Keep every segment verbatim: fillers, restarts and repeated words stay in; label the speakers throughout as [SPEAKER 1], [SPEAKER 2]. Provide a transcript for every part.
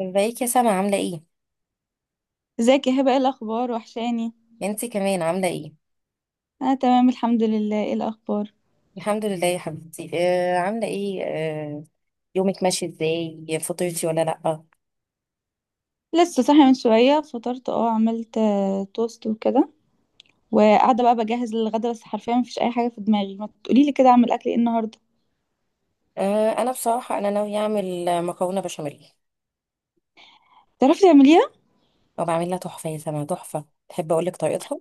[SPEAKER 1] ازيك يا سما عاملة ايه؟
[SPEAKER 2] ازيك يا هبه؟ ايه الاخبار؟ وحشاني.
[SPEAKER 1] انتي كمان عاملة ايه؟
[SPEAKER 2] انا تمام الحمد لله. ايه الاخبار؟
[SPEAKER 1] الحمد لله يا حبيبتي، آه عاملة ايه؟ آه. يومك ماشي ازاي؟ فطرتي ولا لأ؟
[SPEAKER 2] لسه صاحيه من شويه. فطرت، اه عملت آه، توست وكده. وقاعده بقى بجهز للغدا، بس حرفيا مفيش اي حاجه في دماغي. ما تقولي لي كده، اعمل اكل ايه النهارده؟
[SPEAKER 1] آه انا بصراحة، انا ناوية اعمل مكرونة بشاميل،
[SPEAKER 2] تعرفي تعمليها؟
[SPEAKER 1] وبعملها تحفة يا سما، تحفة. تحب اقولك طريقتها؟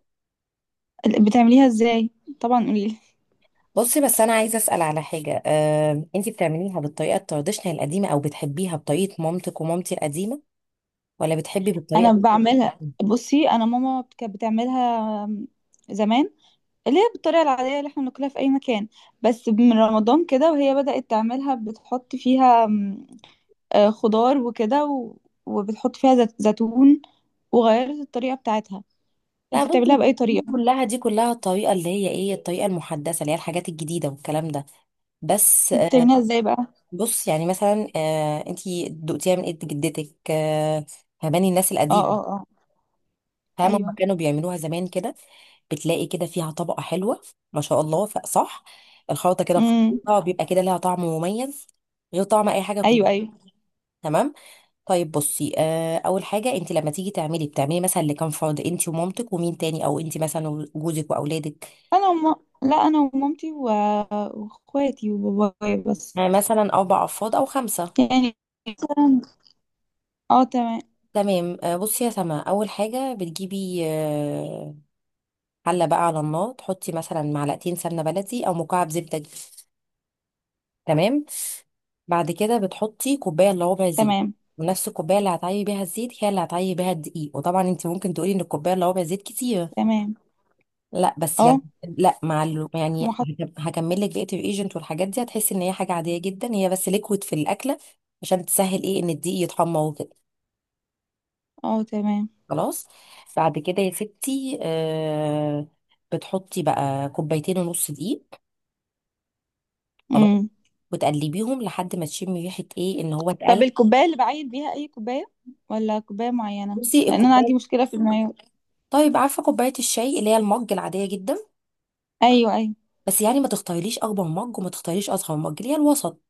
[SPEAKER 2] بتعمليها ازاي؟ طبعا قولي لي.
[SPEAKER 1] بصي، بس انا عايزة اسأل على حاجة. آه انتي بتعمليها بالطريقة التراديشنال القديمة، او بتحبيها بطريقة مامتك ومامتي القديمة، ولا بتحبي
[SPEAKER 2] انا
[SPEAKER 1] بالطريقة؟
[SPEAKER 2] بعملها. بصي، انا ماما كانت بتعملها آم، زمان، اللي هي بالطريقه العاديه اللي احنا بناكلها في اي مكان. بس من رمضان كده وهي بدأت تعملها، بتحط فيها آه، خضار وكده و... وبتحط فيها زت... زيتون، وغيرت الطريقة بتاعتها.
[SPEAKER 1] لا،
[SPEAKER 2] انتي بتعمليها
[SPEAKER 1] بصي،
[SPEAKER 2] بأي
[SPEAKER 1] دي
[SPEAKER 2] طريقة؟
[SPEAKER 1] كلها دي كلها الطريقة اللي هي ايه، الطريقة المحدثة اللي هي الحاجات الجديدة والكلام ده. بس، آه،
[SPEAKER 2] بتعمليها ازاي بقى؟
[SPEAKER 1] بص يعني مثلا، آه انتي دقتيها من ايد جدتك. آه فهماني الناس
[SPEAKER 2] اه،
[SPEAKER 1] القديم،
[SPEAKER 2] اه، اه.
[SPEAKER 1] فاهمة هما
[SPEAKER 2] ايوه.
[SPEAKER 1] كانوا بيعملوها زمان كده، بتلاقي كده فيها طبقة حلوة، ما شاء الله. ف- صح. الخلطة كده
[SPEAKER 2] امم.
[SPEAKER 1] بخطوطها بيبقى كده لها طعم مميز، غير طعم اي حاجة كنت.
[SPEAKER 2] ايوه، ايوه.
[SPEAKER 1] تمام. طيب بصي، آه اول حاجة، انتي لما تيجي تعملي بتعملي مثلا لكام فرد؟ انتي ومامتك ومين تاني، او انتي مثلا وجوزك واولادك؟
[SPEAKER 2] انا وم... لا، انا ومامتي و... واخواتي وبابايا بس.
[SPEAKER 1] يعني مثلا اربع افراد او خمسة.
[SPEAKER 2] يعني مثلا. اه، تمام.
[SPEAKER 1] تمام. آه بصي يا سما، اول حاجة بتجيبي، آه، حله بقى على النار، تحطي مثلا معلقتين سمنه بلدي، او مكعب زبده دي. تمام. بعد كده بتحطي كوبايه الا ربع زيت،
[SPEAKER 2] تمام،
[SPEAKER 1] ونفس الكوبايه اللي هتعيبي بيها الزيت هي اللي هتعيبي بيها الدقيق. وطبعا انت ممكن تقولي ان الكوبايه الا ربع زيت كتير،
[SPEAKER 2] تمام.
[SPEAKER 1] لا، بس
[SPEAKER 2] اه،
[SPEAKER 1] يعني، لا مع ال... يعني،
[SPEAKER 2] محط.
[SPEAKER 1] هكمل لك بقيه الايجنت والحاجات دي، هتحسي ان هي حاجه عاديه جدا، هي بس ليكويد في الاكله، عشان تسهل ايه، ان الدقيق يتحمر وكده.
[SPEAKER 2] اه، تمام.
[SPEAKER 1] خلاص. بعد كده يا ستي، آه... بتحطي بقى كوبايتين ونص دقيق. خلاص.
[SPEAKER 2] امم.
[SPEAKER 1] وتقلبيهم لحد ما تشمي ريحه ايه، ان هو
[SPEAKER 2] طب
[SPEAKER 1] اتقلب.
[SPEAKER 2] الكوباية اللي بعين بيها اي كوباية ولا كوباية معينة؟
[SPEAKER 1] بصي
[SPEAKER 2] لان انا عندي
[SPEAKER 1] الكوبايه،
[SPEAKER 2] مشكلة في المايو.
[SPEAKER 1] طيب، عارفه كوبايه الشاي اللي هي المج العاديه جدا؟
[SPEAKER 2] ايوه، ايوه.
[SPEAKER 1] بس يعني ما تختاريليش اكبر مج، وما تختاريش اصغر مج، اللي هي الوسط.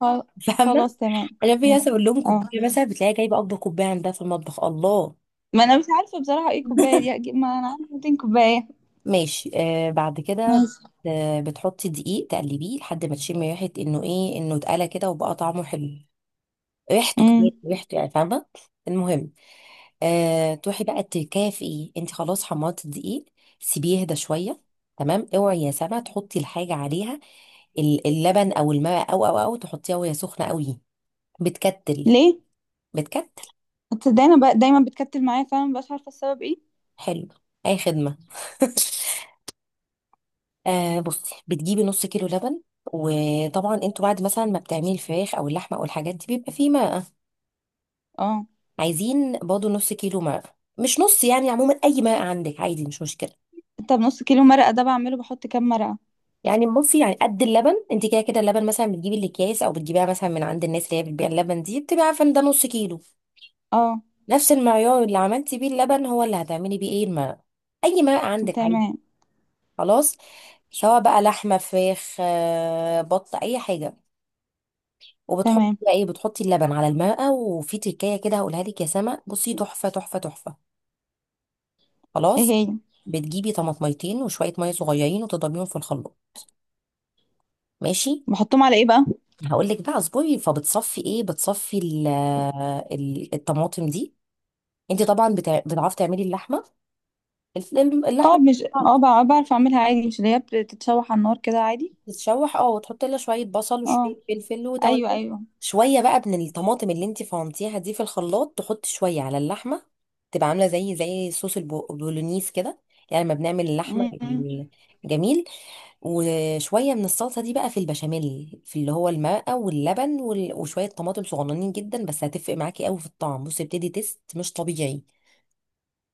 [SPEAKER 2] خل-
[SPEAKER 1] فاهمه؟
[SPEAKER 2] خلاص تمام.
[SPEAKER 1] انا في
[SPEAKER 2] اه،
[SPEAKER 1] ناس اقول لهم
[SPEAKER 2] آه.
[SPEAKER 1] كوبايه مثلا، بتلاقيها جايبه اكبر كوبايه عندها في المطبخ. الله!
[SPEAKER 2] ما انا مش عارفه بصراحه ايه كوبايه دي اجيب، ما انا عندي ميتين كوبايه.
[SPEAKER 1] ماشي، آه بعد كده،
[SPEAKER 2] ماشي.
[SPEAKER 1] آه بتحطي دقيق تقلبيه لحد ما تشمي ريحه انه ايه، انه اتقلى كده وبقى طعمه حلو، ريحته كمان،
[SPEAKER 2] امم.
[SPEAKER 1] ريحته يعني، فاهمه؟ المهم، أه تروحي بقى تكافئي، انت خلاص حمرتي الدقيق، سيبيه يهدى شويه. تمام. اوعي يا سما تحطي الحاجه عليها، ال- اللبن او الماء، او او او تحطيها وهي سخنه قوي، بتكتل.
[SPEAKER 2] ليه؟
[SPEAKER 1] بتكتل.
[SPEAKER 2] تصدق، انا بقى دايما بتكتل معايا فعلا، مبقاش عارفه السبب ايه.
[SPEAKER 1] حلو، اي خدمه. آه بصي بتجيبي نص كيلو لبن. وطبعا انتوا بعد مثلا ما بتعملي الفراخ او اللحمه او الحاجات دي، بيبقى فيه ماء.
[SPEAKER 2] اه.
[SPEAKER 1] عايزين برضه نص كيلو ماء، مش نص يعني، عموما اي ماء عندك عادي، مش مشكله.
[SPEAKER 2] طب نص كيلو مرقه ده بعمله، بحط كام مرقه؟
[SPEAKER 1] يعني بصي، يعني قد اللبن، انت كده كده اللبن مثلا بتجيبي الاكياس، او بتجيبيها مثلا من عند الناس اللي هي بتبيع اللبن، دي بتبقى عارفه ان ده نص كيلو.
[SPEAKER 2] اه،
[SPEAKER 1] نفس المعيار اللي عملتي بيه اللبن هو اللي هتعملي بيه ايه الماء. اي ماء عندك عادي،
[SPEAKER 2] تمام.
[SPEAKER 1] خلاص. سواء بقى لحمه، فراخ، آه، بط، اي حاجه. وبتحطي
[SPEAKER 2] تمام.
[SPEAKER 1] بقى ايه، بتحطي اللبن على الماء. وفي تكايه كده هقولها لك يا سما، بصي، تحفه تحفه تحفه.
[SPEAKER 2] ايه
[SPEAKER 1] خلاص.
[SPEAKER 2] هي؟
[SPEAKER 1] بتجيبي طماطميتين وشويه ميه صغيرين، وتضربيهم في الخلاط. ماشي.
[SPEAKER 2] بحطهم على ايه بقى؟
[SPEAKER 1] هقول لك بقى، اصبري، فبتصفي ايه، بتصفي ال- ال- الطماطم دي. انت طبعا بتع- بتعرفي تعملي اللحمه، الف-
[SPEAKER 2] اه
[SPEAKER 1] اللحمه،
[SPEAKER 2] مش اه بقى- بعرف اعملها عادي، مش اللي هي بتتشوح على النار كده عادي.
[SPEAKER 1] تتشوح، اه، وتحطي لها شويه بصل
[SPEAKER 2] اه.
[SPEAKER 1] وشويه فلفل
[SPEAKER 2] ايوه،
[SPEAKER 1] وتوابل.
[SPEAKER 2] ايوه.
[SPEAKER 1] شويه بقى من الطماطم اللي انت فرمتيها دي في الخلاط، تحطي شويه على اللحمه، تبقى عامله زي زي صوص البو- البولونيز كده، يعني لما بنعمل اللحمه
[SPEAKER 2] امم.
[SPEAKER 1] يعني. جميل. وشوية من الصلصة دي بقى في البشاميل، في اللي هو الماء واللبن وال- وشوية طماطم صغننين جدا، بس هتفرق معاكي قوي في الطعم، بصي بتدي تيست مش طبيعي.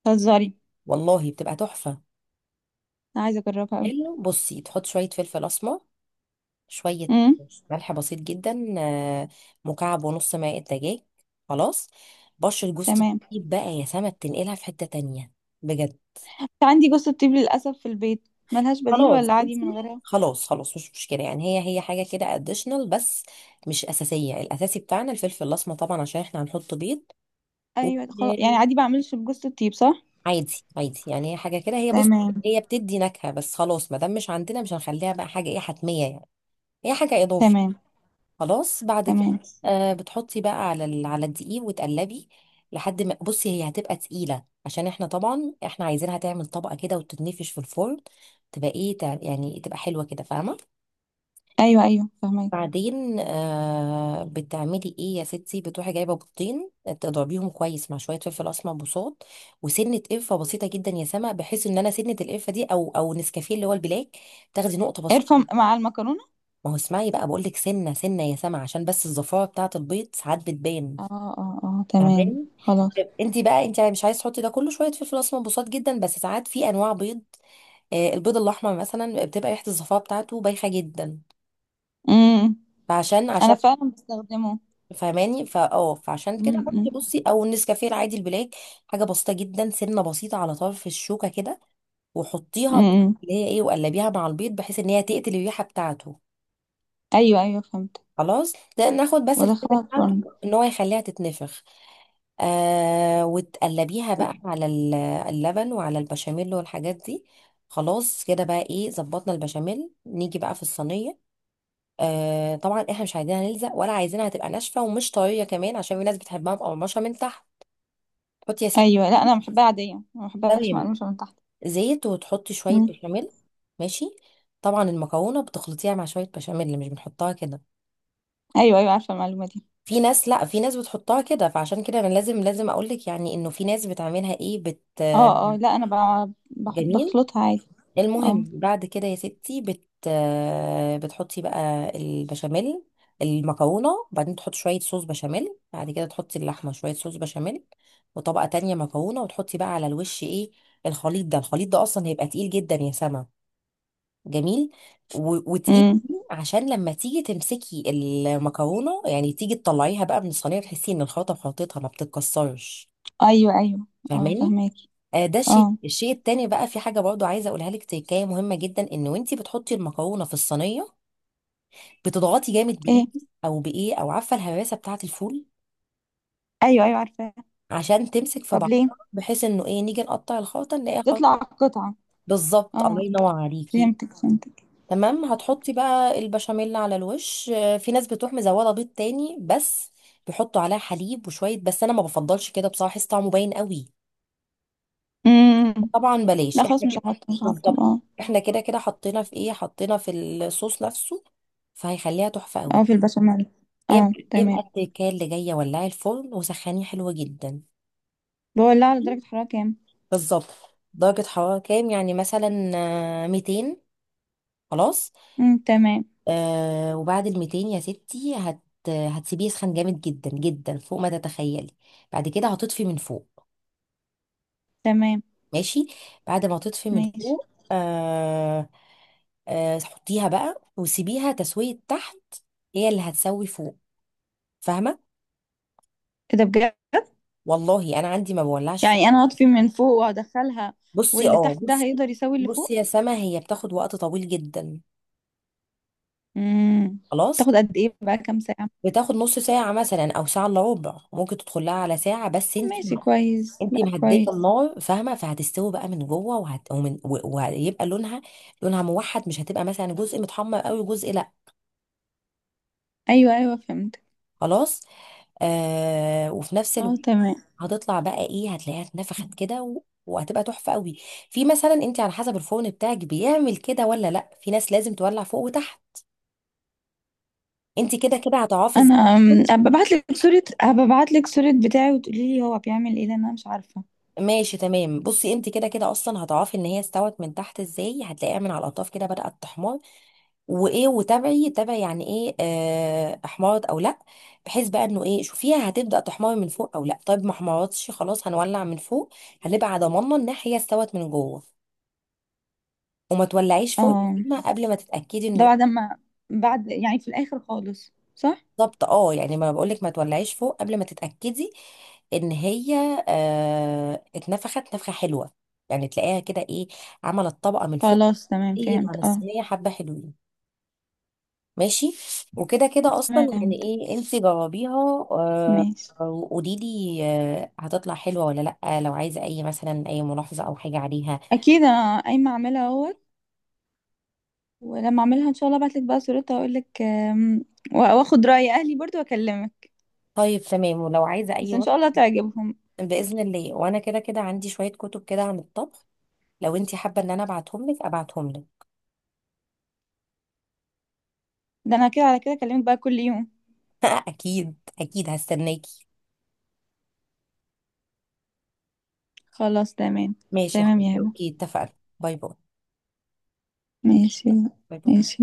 [SPEAKER 2] تهزري؟
[SPEAKER 1] والله بتبقى تحفة.
[SPEAKER 2] انا عايزه اجربها قوي.
[SPEAKER 1] حلو. بصي، تحط شوية فلفل أسمر، شوية
[SPEAKER 2] امم.
[SPEAKER 1] ملح بسيط جدا، آه، مكعب ونص ماء دجاج. خلاص. بشر جوز
[SPEAKER 2] تمام.
[SPEAKER 1] الطيب بقى يا سما، بتنقلها في حتة تانية، بجد.
[SPEAKER 2] عندي جوز الطيب للاسف في البيت. ملهاش بديل،
[SPEAKER 1] خلاص،
[SPEAKER 2] ولا عادي من
[SPEAKER 1] بصي،
[SPEAKER 2] غيرها؟
[SPEAKER 1] خلاص خلاص، مش مشكلة. يعني هي هي حاجة كده اديشنال بس، مش أساسية. الأساسي بتاعنا الفلفل الأسمر طبعا، عشان احنا هنحط بيض.
[SPEAKER 2] ايوه، خلاص يعني
[SPEAKER 1] وعادي،
[SPEAKER 2] عادي. بعملش بجوز الطيب، صح؟
[SPEAKER 1] عادي يعني، هي حاجة كده. هي بص،
[SPEAKER 2] تمام.
[SPEAKER 1] هي بتدي نكهة بس، خلاص ما دام مش عندنا مش هنخليها بقى حاجة ايه، حتمية يعني. هي حاجة إضافي.
[SPEAKER 2] تمام.
[SPEAKER 1] خلاص، بعد كده،
[SPEAKER 2] تمام.
[SPEAKER 1] آه بتحطي بقى على ال- على الدقيق وتقلبي لحد ما، بصي، هي هتبقى تقيلة، عشان احنا طبعا احنا عايزينها تعمل طبقة كده وتتنفش في الفرن، تبقى ايه، تع- يعني تبقى حلوة كده، فاهمة؟
[SPEAKER 2] ايوه، ايوه، فهمت.
[SPEAKER 1] بعدين، آه بتعملي ايه يا ستي، بتروحي جايبه بيضتين، آه، تضربيهم كويس مع شويه فلفل اسمر بصوت، وسنه قرفه بسيطه جدا يا سما، بحيث ان انا سنه القرفه دي او او نسكافيه اللي هو البلاك، تاخدي نقطه بسيطه.
[SPEAKER 2] قرفه مع المكرونه؟
[SPEAKER 1] ما هو اسمعي بقى، بقول لك سنه سنه يا سما، عشان بس الزفاره بتاعه البيض ساعات بتبان،
[SPEAKER 2] اه، اه، اه، تمام.
[SPEAKER 1] فاهماني؟
[SPEAKER 2] خلاص.
[SPEAKER 1] طيب انت بقى، انت مش عايز تحطي ده كله، شويه فلفل اسمر بصوت جدا، بس ساعات في انواع بيض. آه البيض الاحمر مثلا بتبقى ريحه الزفاره بتاعته بايخه جدا،
[SPEAKER 2] امم.
[SPEAKER 1] فعشان
[SPEAKER 2] انا
[SPEAKER 1] عشان
[SPEAKER 2] فعلا بستخدمه.
[SPEAKER 1] فاهماني. فا اه فعشان كده
[SPEAKER 2] امم، امم.
[SPEAKER 1] حطي بصي، او النسكافيه العادي البلاك، حاجه بسيطه جدا، سنه بسيطه على طرف الشوكه كده، وحطيها
[SPEAKER 2] امم،
[SPEAKER 1] بس،
[SPEAKER 2] امم.
[SPEAKER 1] اللي هي ايه، وقلبيها مع البيض بحيث ان هي تقتل الريحه بتاعته.
[SPEAKER 2] ايوه، ايوه، فهمت.
[SPEAKER 1] خلاص. ده ناخد بس الفكره
[SPEAKER 2] وادخلها
[SPEAKER 1] بتاعته،
[SPEAKER 2] الفرن.
[SPEAKER 1] ان هو يخليها تتنفخ. آه وتقلبيها بقى على ال- اللبن وعلى البشاميل والحاجات دي. خلاص كده بقى ايه، ظبطنا البشاميل. نيجي بقى في الصينيه. آه طبعا احنا مش عايزينها نلزق، ولا عايزينها تبقى ناشفه ومش طريه كمان، عشان في ناس بتحبها مقرمشه من تحت. حطي يا ستي،
[SPEAKER 2] ايوه، لا، انا بحبها عاديه، ما بحبهاش
[SPEAKER 1] تمام،
[SPEAKER 2] مقرمشه من تحت.
[SPEAKER 1] زيت وتحطي شوية
[SPEAKER 2] امم.
[SPEAKER 1] بشاميل. ماشي. طبعا المكرونة بتخلطيها مع شوية بشاميل، اللي مش بنحطها كده.
[SPEAKER 2] ايوه، ايوه، عارفه المعلومه دي.
[SPEAKER 1] في ناس، لا، في ناس بتحطها كده، فعشان كده انا لازم لازم اقولك يعني انه في ناس بتعملها ايه، بت
[SPEAKER 2] اه، اه، لا، انا بع- بحط
[SPEAKER 1] جميل.
[SPEAKER 2] بخلطها عادي. اه.
[SPEAKER 1] المهم بعد كده يا ستي، بت بتحطي بقى البشاميل، المكرونة، وبعدين تحطي شوية صوص بشاميل، بعد كده تحطي اللحمة، شوية صوص بشاميل، وطبقة تانية مكرونة، وتحطي بقى على الوش ايه. الخليط ده الخليط ده اصلا هيبقى تقيل جدا يا سما. جميل. و- وتقيل،
[SPEAKER 2] امم.
[SPEAKER 1] عشان لما تيجي تمسكي المكرونه يعني، تيجي تطلعيها بقى من الصينيه، تحسي ان الخلطه في خلطتها ما بتتكسرش،
[SPEAKER 2] ايوه، ايوه. اه،
[SPEAKER 1] فاهماني؟
[SPEAKER 2] فهماكي.
[SPEAKER 1] آه ده شيء
[SPEAKER 2] اه.
[SPEAKER 1] الشيء التاني بقى، في حاجه برضو عايزه اقولها لك، تكايه مهمه جدا، ان وانتي بتحطي المكرونه في الصينيه، بتضغطي جامد
[SPEAKER 2] ايه؟
[SPEAKER 1] بايدي، او بايه، او عارفه الهراسه بتاعه الفول،
[SPEAKER 2] ايوه، ايوه، عارفه.
[SPEAKER 1] عشان تمسك في
[SPEAKER 2] طب
[SPEAKER 1] بعضها،
[SPEAKER 2] ليه؟
[SPEAKER 1] بحيث انه ايه، نيجي نقطع الخلطه نلاقيها خلطه.
[SPEAKER 2] تطلع قطعه.
[SPEAKER 1] بالظبط، الله
[SPEAKER 2] اه،
[SPEAKER 1] ينور عليكي.
[SPEAKER 2] فهمتك، فهمتك.
[SPEAKER 1] تمام، هتحطي بقى البشاميل على الوش. آه، في ناس بتروح مزوده بيض تاني بس، بيحطوا عليها حليب وشويه، بس انا ما بفضلش كده بصراحه، احس طعمه باين قوي.
[SPEAKER 2] امم.
[SPEAKER 1] طبعا بلاش
[SPEAKER 2] لا، خلاص،
[SPEAKER 1] احنا
[SPEAKER 2] مش
[SPEAKER 1] كده.
[SPEAKER 2] هحطه مش هحطه،
[SPEAKER 1] بالظبط،
[SPEAKER 2] اه.
[SPEAKER 1] احنا كده كده حطينا في ايه، حطينا في الصوص نفسه، فهيخليها تحفه قوي.
[SPEAKER 2] اه، في البشاميل.
[SPEAKER 1] ايه
[SPEAKER 2] اه،
[SPEAKER 1] بقى- ايه بقى
[SPEAKER 2] تمام.
[SPEAKER 1] التكال اللي جايه، ولعي الفرن وسخنيه حلوه جدا.
[SPEAKER 2] بولعه على درجة حرارة كام؟
[SPEAKER 1] بالظبط. درجه حراره كام يعني، مثلا، آه، مئتين. خلاص.
[SPEAKER 2] امم، تمام.
[SPEAKER 1] آه وبعد ال ميتين يا ستي، هت هتسيبيه يسخن جامد جدا جدا فوق ما تتخيلي. بعد كده هتطفي من فوق.
[SPEAKER 2] تمام.
[SPEAKER 1] ماشي. بعد ما تطفي من
[SPEAKER 2] ماشي.
[SPEAKER 1] فوق، آه آه حطيها بقى وسيبيها تسوية تحت، هي اللي هتسوي فوق، فاهمة؟
[SPEAKER 2] ايه ده بجد؟
[SPEAKER 1] والله انا عندي ما بولعش فوق.
[SPEAKER 2] يعني انا هطفي من فوق وهدخلها،
[SPEAKER 1] بصي
[SPEAKER 2] واللي
[SPEAKER 1] اه
[SPEAKER 2] تحت ده
[SPEAKER 1] بصي
[SPEAKER 2] هيقدر يساوي اللي
[SPEAKER 1] بصي
[SPEAKER 2] فوق؟
[SPEAKER 1] يا سما، هي بتاخد وقت طويل جدا،
[SPEAKER 2] امم.
[SPEAKER 1] خلاص.
[SPEAKER 2] تاخد قد ايه بقى، كام ساعة؟
[SPEAKER 1] بتاخد نص ساعة مثلا، او ساعة الا ربع، ممكن تدخلها على ساعة بس انتي
[SPEAKER 2] ماشي، كويس.
[SPEAKER 1] انت
[SPEAKER 2] لا،
[SPEAKER 1] مهديه
[SPEAKER 2] كويس.
[SPEAKER 1] النار، فاهمه؟ فهتستوي بقى من جوه وهت... ومن... و- وهيبقى لونها لونها موحد، مش هتبقى مثلا جزء متحمر قوي وجزء لا.
[SPEAKER 2] ايوه، ايوه، فهمت.
[SPEAKER 1] خلاص. آه... وفي نفس الوقت
[SPEAKER 2] اه، تمام.
[SPEAKER 1] هتطلع بقى ايه، هتلاقيها اتنفخت كده و... وهتبقى تحفه قوي. في مثلا، انت على حسب الفرن بتاعك بيعمل كده ولا لا، في ناس لازم تولع فوق وتحت، انت كده كده هتعرفي
[SPEAKER 2] انا
[SPEAKER 1] ازاي.
[SPEAKER 2] أم، هبقى ابعت لك صورة هبقى ابعت لك صورة بتاعي، وتقولي لي هو بيعمل ايه، لان انا مش عارفة.
[SPEAKER 1] ماشي، تمام. بصي، انت كده كده اصلا هتعرفي ان هي استوت من تحت ازاي، هتلاقيها من على الاطراف كده بدأت تحمر، وايه، وتابعي تابعي يعني ايه، آه، احمرت او لا. بحيث بقى انه ايه، شوفيها هتبدا تحمر من فوق او لا. طيب، ما احمرتش، خلاص هنولع من فوق، هنبقى على ضماننا ان هي استوت من جوه. وما تولعيش فوق يا
[SPEAKER 2] اه،
[SPEAKER 1] سيما قبل ما تتاكدي
[SPEAKER 2] ده
[SPEAKER 1] انه،
[SPEAKER 2] بعد ما بعد يعني في الاخر خالص، صح؟
[SPEAKER 1] بالظبط، اه يعني، ما بقولك ما تولعيش فوق قبل ما تتاكدي ان هي آه اتنفخت نفخه حلوه، يعني تلاقيها كده ايه، عملت طبقه من فوق،
[SPEAKER 2] خلاص، تمام،
[SPEAKER 1] قلت عن
[SPEAKER 2] فهمت، اه.
[SPEAKER 1] الصينيه حبه حلوين. ماشي. وكده كده
[SPEAKER 2] تمام،
[SPEAKER 1] اصلا يعني
[SPEAKER 2] فهمت.
[SPEAKER 1] ايه، انت جربيها. آه،
[SPEAKER 2] ماشي.
[SPEAKER 1] وقولي لي، آه، هتطلع حلوه ولا لا، لو عايزه اي مثلا، اي ملاحظه او حاجه عليها.
[SPEAKER 2] اكيد، انا قايمه اعملها اهوت. ولما اعملها ان شاء الله ابعتلك بقى صورتها واقول لك آم، وا- واخد راي اهلي برضو واكلمك.
[SPEAKER 1] طيب تمام، ولو عايزه اي
[SPEAKER 2] بس ان
[SPEAKER 1] وقت،
[SPEAKER 2] شاء الله تعجبهم.
[SPEAKER 1] باذن الله. وانا كده كده عندي شويه كتب كده عن الطبخ، لو انت حابه ان انا ابعتهم لك، ابعتهم لك.
[SPEAKER 2] ده انا كده على كده اكلمك بقى كل يوم.
[SPEAKER 1] اكيد اكيد، هستناكي.
[SPEAKER 2] خلاص، تمام.
[SPEAKER 1] ماشي يا
[SPEAKER 2] تمام يا
[SPEAKER 1] حبيبتي،
[SPEAKER 2] هبه.
[SPEAKER 1] اوكي، اتفقنا. باي باي.
[SPEAKER 2] ماشي،
[SPEAKER 1] باي باي.
[SPEAKER 2] ماشي.